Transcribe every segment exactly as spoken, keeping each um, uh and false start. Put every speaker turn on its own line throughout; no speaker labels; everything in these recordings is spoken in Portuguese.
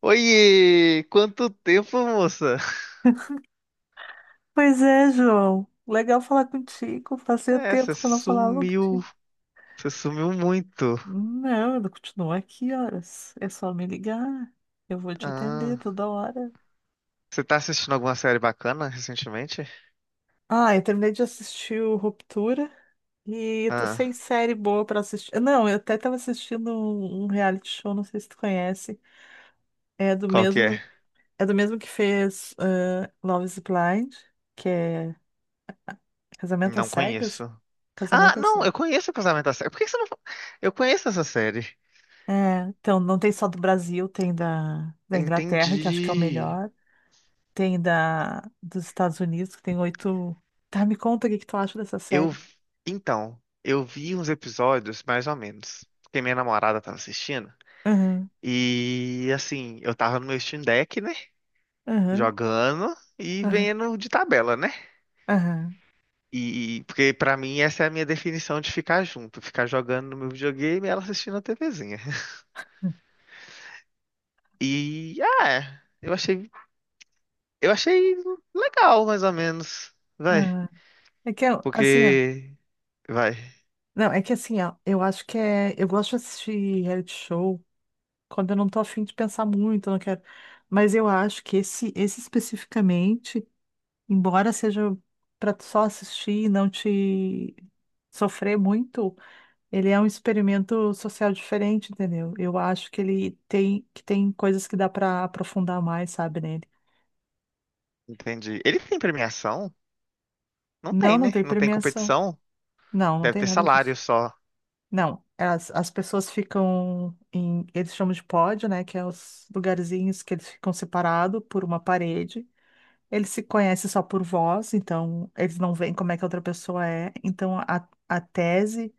Oiê! Quanto tempo, moça?
Pois é, João. Legal falar contigo. Fazia
É, você
tempo que eu não falava
sumiu.
contigo.
Você sumiu muito.
Não, ele continua aqui horas. É só me ligar. Eu vou te atender
Ah,
toda hora.
você tá assistindo alguma série bacana recentemente?
Ah, eu terminei de assistir o Ruptura e tô sem
Ah,
série boa pra assistir. Não, eu até tava assistindo um um reality show, não sei se tu conhece. É do
qual que é?
mesmo, é do mesmo que fez eh, Love is Blind, que é Casamento às
Não
Cegas.
conheço. Ah,
Casamento às
não, eu
Cegas.
conheço o Casamento da Série. Por que que você não... fa- Eu conheço essa série.
É, então, não tem só do Brasil, tem da, da Inglaterra, que acho que é o
Entendi.
melhor. Tem da, dos Estados Unidos, que tem oito. Tá, me conta o que que tu acha dessa
Eu...
série.
Então, eu vi uns episódios, mais ou menos. Porque minha namorada tava assistindo.
Aham,
E, assim, eu tava no meu Steam Deck, né?
aham,
Jogando e
aham,
vendo de tabela, né?
aham,
E porque pra mim essa é a minha definição de ficar junto, ficar jogando no meu videogame e ela assistindo a TVzinha. E ah, é, eu achei, eu achei legal mais ou menos. Vai,
aham. É que, eu- assim, ó.
porque vai,
Não, é que assim, ó. Eu acho que é. Eu gosto de assistir reality show quando eu não tô afim de pensar muito, eu não quero. Mas eu acho que esse, esse especificamente, embora seja pra tu só assistir e não te sofrer muito. Ele é um experimento social diferente, entendeu? Eu acho que ele tem que tem coisas que dá para aprofundar mais, sabe, nele.
entendi. Ele tem premiação? Não
Não,
tem,
não
né?
tem
Não tem
premiação.
competição.
Não, não
Deve
tem
ter
nada
salário
disso.
só.
Não, as, as pessoas ficam em, eles chamam de pódio, né, que é os lugarzinhos que eles ficam separados por uma parede. Eles se conhecem só por voz, então eles não veem como é que a outra pessoa é. Então a, a tese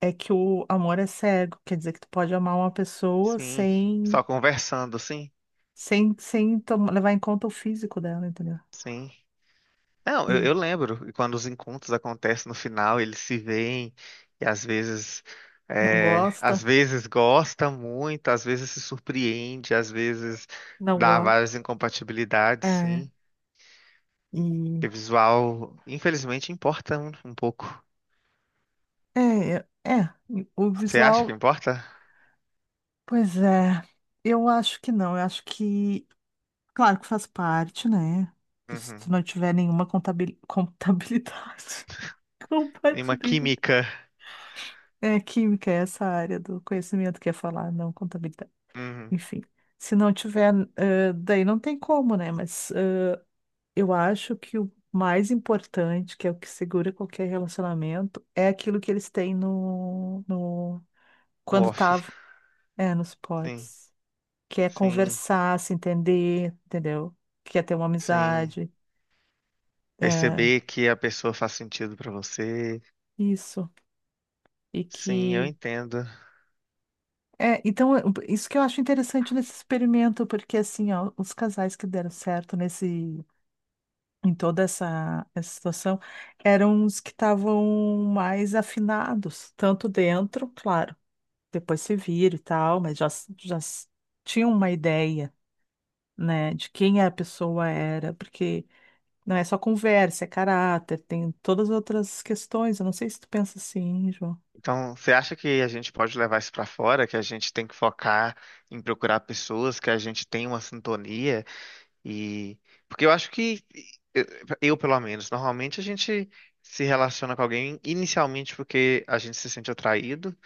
é que o amor é cego, quer dizer que tu pode amar uma pessoa
Sim, só
sem
conversando, sim.
sem, sem tom- levar em conta o físico dela, entendeu?
Sim. Não, eu, eu
E
lembro, e quando os encontros acontecem no final, eles se veem e às vezes,
não
é, às
gosta,
vezes gosta muito, às vezes se surpreende, às vezes
não
dá
gosta.
várias incompatibilidades,
É,
sim. Porque
e
visual, infelizmente, importa um, um pouco.
é, é, o
Você acha que
visual,
importa?
pois é, eu acho que não, eu acho que, claro que faz parte, né? Se tu
Uhum.
não tiver nenhuma contabil, contabilidade,
E uma
compatibilidade.
química,
É, química é essa área do conhecimento que é falar, não contabilidade.
uhum,
Enfim, se não tiver, eh, daí não tem como, né? Mas Eu acho que o mais importante, que é o que segura qualquer relacionamento, é aquilo que eles têm no, no
no
quando
off.
estavam, é, nos
Sim,
pods, que é
sim,
conversar, se entender, entendeu? Que é ter uma
sim.
amizade, é,
Perceber que a pessoa faz sentido pra você.
isso. E
Sim, eu
que
entendo.
é, então é, isso que eu acho interessante nesse experimento, porque assim, ó, os casais que deram certo nesse em toda essa, essa situação eram os que estavam mais afinados, tanto dentro, claro depois se vira e tal, mas já, s- já s- tinha uma ideia, né, de quem a pessoa era, porque não é só conversa, é caráter, tem todas as outras questões. Eu não sei se tu pensa assim, João.
Então, você acha que a gente pode levar isso para fora, que a gente tem que focar em procurar pessoas, que a gente tem uma sintonia e porque eu acho que eu, eu, pelo menos, normalmente a gente se relaciona com alguém inicialmente porque a gente se sente atraído,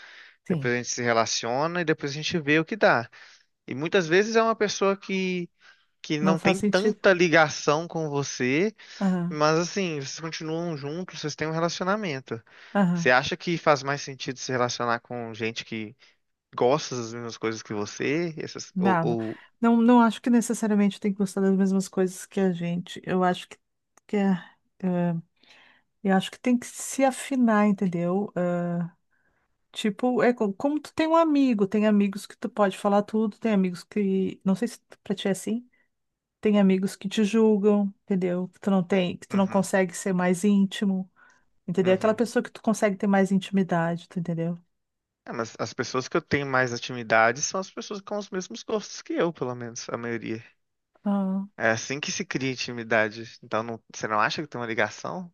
depois
Sim.
a gente se relaciona e depois a gente vê o que dá. E muitas vezes é uma pessoa que que
Não
não
faz
tem
sentido.
tanta ligação com você,
Aham,
mas assim, vocês continuam juntos, vocês têm um relacionamento. Você
aham.
acha que faz mais sentido se relacionar com gente que gosta das mesmas coisas que você? Essas, ou,
Não, não,
ou...
não, não acho que necessariamente tem que gostar das mesmas coisas que a gente. Eu acho que, que é, é, eu acho que tem que se afinar, entendeu? Eh, Tipo, é co- como tu tem um amigo, tem amigos que tu pode falar tudo, tem amigos que, não sei se pra ti é assim, tem amigos que te julgam, entendeu? Que tu não tem, que tu não
Uhum,
consegue ser mais íntimo, entendeu? Aquela
uhum.
pessoa que tu consegue ter mais intimidade, tu entendeu?
É, mas as pessoas que eu tenho mais intimidade são as pessoas com os mesmos gostos que eu, pelo menos, a maioria.
Ah,
É assim que se cria intimidade. Então, não- você não acha que tem uma ligação?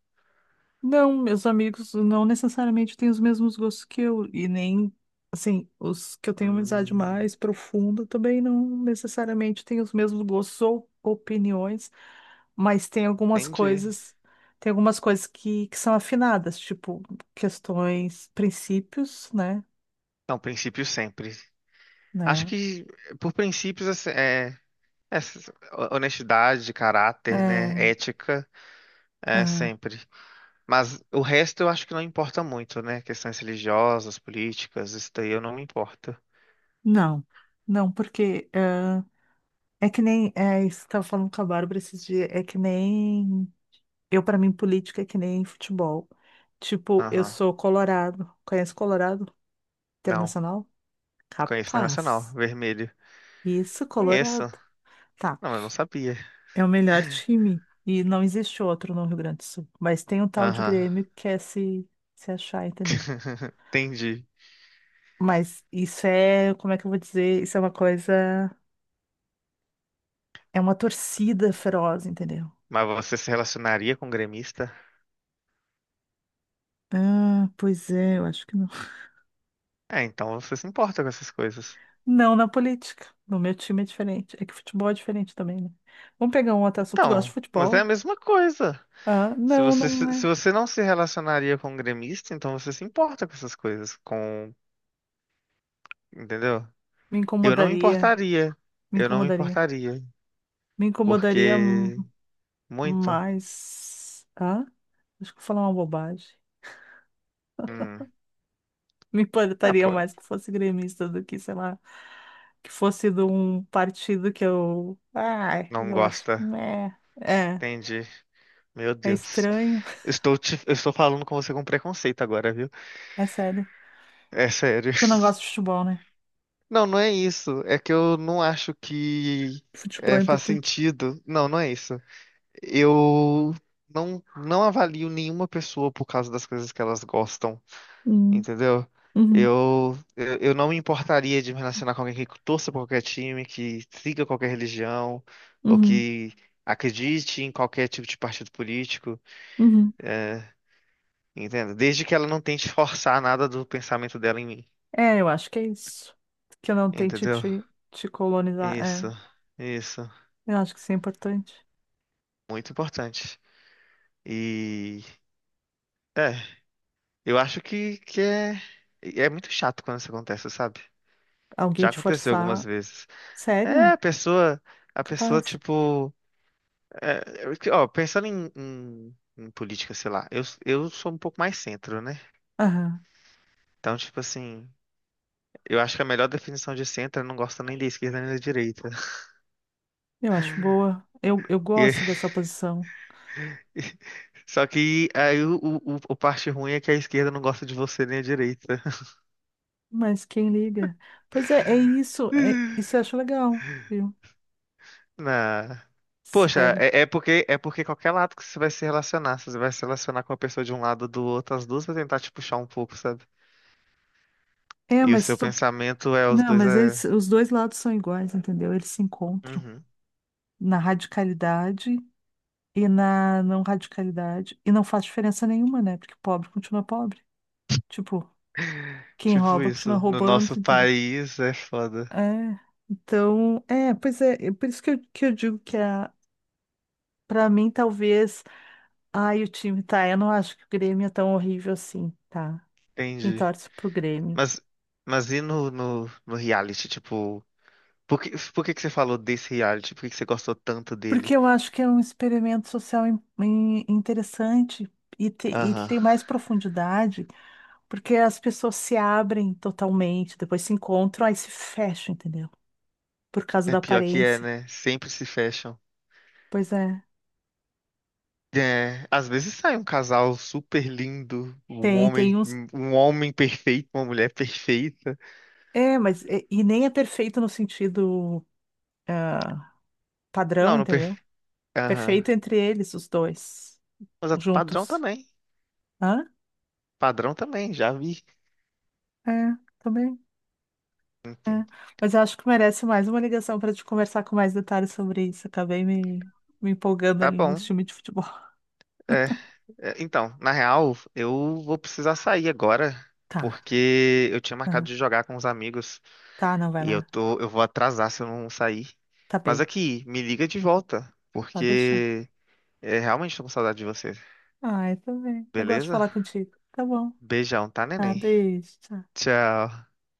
não, meus amigos não necessariamente têm os mesmos gostos que eu, e nem, assim, os que eu tenho amizade
Hum,
mais profunda também não necessariamente têm os mesmos gostos ou opiniões mas tem algumas
entendi.
coisas, tem algumas coisas que, que são afinadas, tipo questões, princípios, né?
Não, princípio sempre. Acho
Né?
que, por princípios, assim, é, é, honestidade, caráter, né?
É,
Ética, é
ah,
sempre. Mas o resto eu acho que não importa muito, né? Questões religiosas, políticas, isso daí eu não me importo.
não, não, porque ah, é que nem é, isso que eu tava falando com a Bárbara esses dias, é que nem eu, para mim, política é que nem futebol. Tipo, eu
Aham.
sou Colorado, conhece Colorado
Não.
Internacional?
Conheço Internacional,
Capaz.
vermelho.
Isso,
Conheço.
Colorado. Tá.
Não, mas eu não sabia.
É o melhor time. E não existe outro no Rio Grande do Sul. Mas tem um tal de
Aham.
Grêmio que quer se, se achar, entendeu?
Entendi.
Mas isso é, como é que eu vou dizer? Isso é uma coisa. É uma torcida feroz, entendeu?
Mas você se relacionaria com um gremista?
Ah, pois é, eu acho que não.
É, então você se importa com essas coisas.
Não na política. No meu time é diferente. É que futebol é diferente também, né? Vamos pegar um outro assunto. Tu gosta de
Então, mas é a
futebol?
mesma coisa.
Ah,
Se
não,
você,
não
se
é.
se você não se relacionaria com um gremista, então você se importa com essas coisas, com, entendeu?
Me
Eu não me
incomodaria.
importaria.
Me
Eu não me
incomodaria.
importaria.
Me incomodaria hum,
Porque muito.
mais. Ah, acho que eu vou falar uma bobagem.
Hum.
Me
Ah,
importaria
pô,
mais que fosse gremista do que, sei lá, que fosse de um partido que eu. Ai,
não
eu acho.
gosta.
Meh. É,
Entendi. Meu
é
Deus.
estranho.
Estou te, eu estou falando com você com preconceito agora, viu?
É sério.
É sério.
Tu não gosta de futebol, né?
Não, não é isso. É que eu não acho que
Futebol
é,
é
faz
importante.
sentido. Não, não é isso. Eu Não, não avalio nenhuma pessoa por causa das coisas que elas gostam.
Hum,
Entendeu?
uhum,
Eu, eu, eu não me importaria de me relacionar com alguém que torça por qualquer time, que siga qualquer religião, ou
uhum,
que acredite em qualquer tipo de partido político,
uhum.
entendeu? Desde que ela não tente forçar nada do pensamento dela em mim,
É, eu acho que é isso. Que eu não tente
entendeu?
te, te colonizar.
Isso,
É,
isso,
eu acho que isso é importante.
muito importante. E é, eu acho que, que é, é muito chato quando isso acontece, sabe?
Alguém
Já
te
aconteceu algumas
forçar.
vezes. É, a
Sério?
pessoa, a pessoa,
Capaz.
tipo. É, eu- ó, pensando em, em- em política, sei lá, eu, eu sou um pouco mais centro, né?
Aham.
Então, tipo assim, eu acho que a melhor definição de centro é não gosta nem da esquerda nem da direita.
Eu acho boa. Eu, eu
E-
gosto dessa posição.
só que aí o, o, o o parte ruim é que a esquerda não gosta de você nem a direita.
Mas quem liga? Pois é, é isso. É, isso eu acho legal, viu?
Na... Poxa,
Sério.
é, é porque é porque qualquer lado que você vai se relacionar, se você vai se relacionar com uma pessoa de um lado ou do outro, as duas vão tentar te puxar um pouco, sabe?
É,
E o seu
mas tu.
pensamento é os
Não,
dois
mas
é.
eles, os dois lados são iguais, entendeu? Eles se encontram
Uhum.
na radicalidade e na não radicalidade. E não faz diferença nenhuma, né? Porque pobre continua pobre. Tipo, quem
Tipo
rouba continua
isso, no
roubando,
nosso
entendeu?
país é foda.
É. Então, é, pois é, é por isso que eu, que eu digo que a, pra mim, talvez. Ai, o time tá. Eu não acho que o Grêmio é tão horrível assim, tá? Quem
Entendi.
torce pro Grêmio.
Mas, mas e no, no, no reality, tipo, por que, por que que você falou desse reality? Por que que você gostou tanto
Porque
dele?
eu acho que é um experimento social in- in- interessante e, te- e que
Aham.
tem mais profundidade, porque as pessoas se abrem totalmente, depois se encontram, aí se fecham, entendeu? Por causa
É
da
pior que é,
aparência.
né? Sempre se fecham.
Pois é,
É, às vezes sai um casal super lindo, um
tem,
homem,
tem uns.
um homem perfeito, uma mulher perfeita.
É, mas e, e nem é perfeito no sentido ah, padrão,
Não, não
entendeu?
perfeito. Aham.
Perfeito entre eles, os dois,
Mas é padrão
juntos.
também.
Hã?
Padrão também, já vi.
É, também.
Enfim,
Mas eu acho que merece mais uma ligação para te conversar com mais detalhes sobre isso. Acabei me, me empolgando
tá
ali no
bom.
time de futebol.
É, é, então, na real, eu vou precisar sair agora,
Tá,
porque eu tinha marcado
tá,
de jogar com os amigos.
tá, não vai
E eu
lá.
tô, eu vou atrasar se eu não sair.
Tá
Mas
bem,
aqui, me liga de volta,
pode deixar.
porque é, realmente tô com saudade de você.
Ah, eu também. Eu gosto de
Beleza?
falar contigo. Tá bom.
Beijão, tá,
Tá,
neném?
beijo. tchau.
Tchau.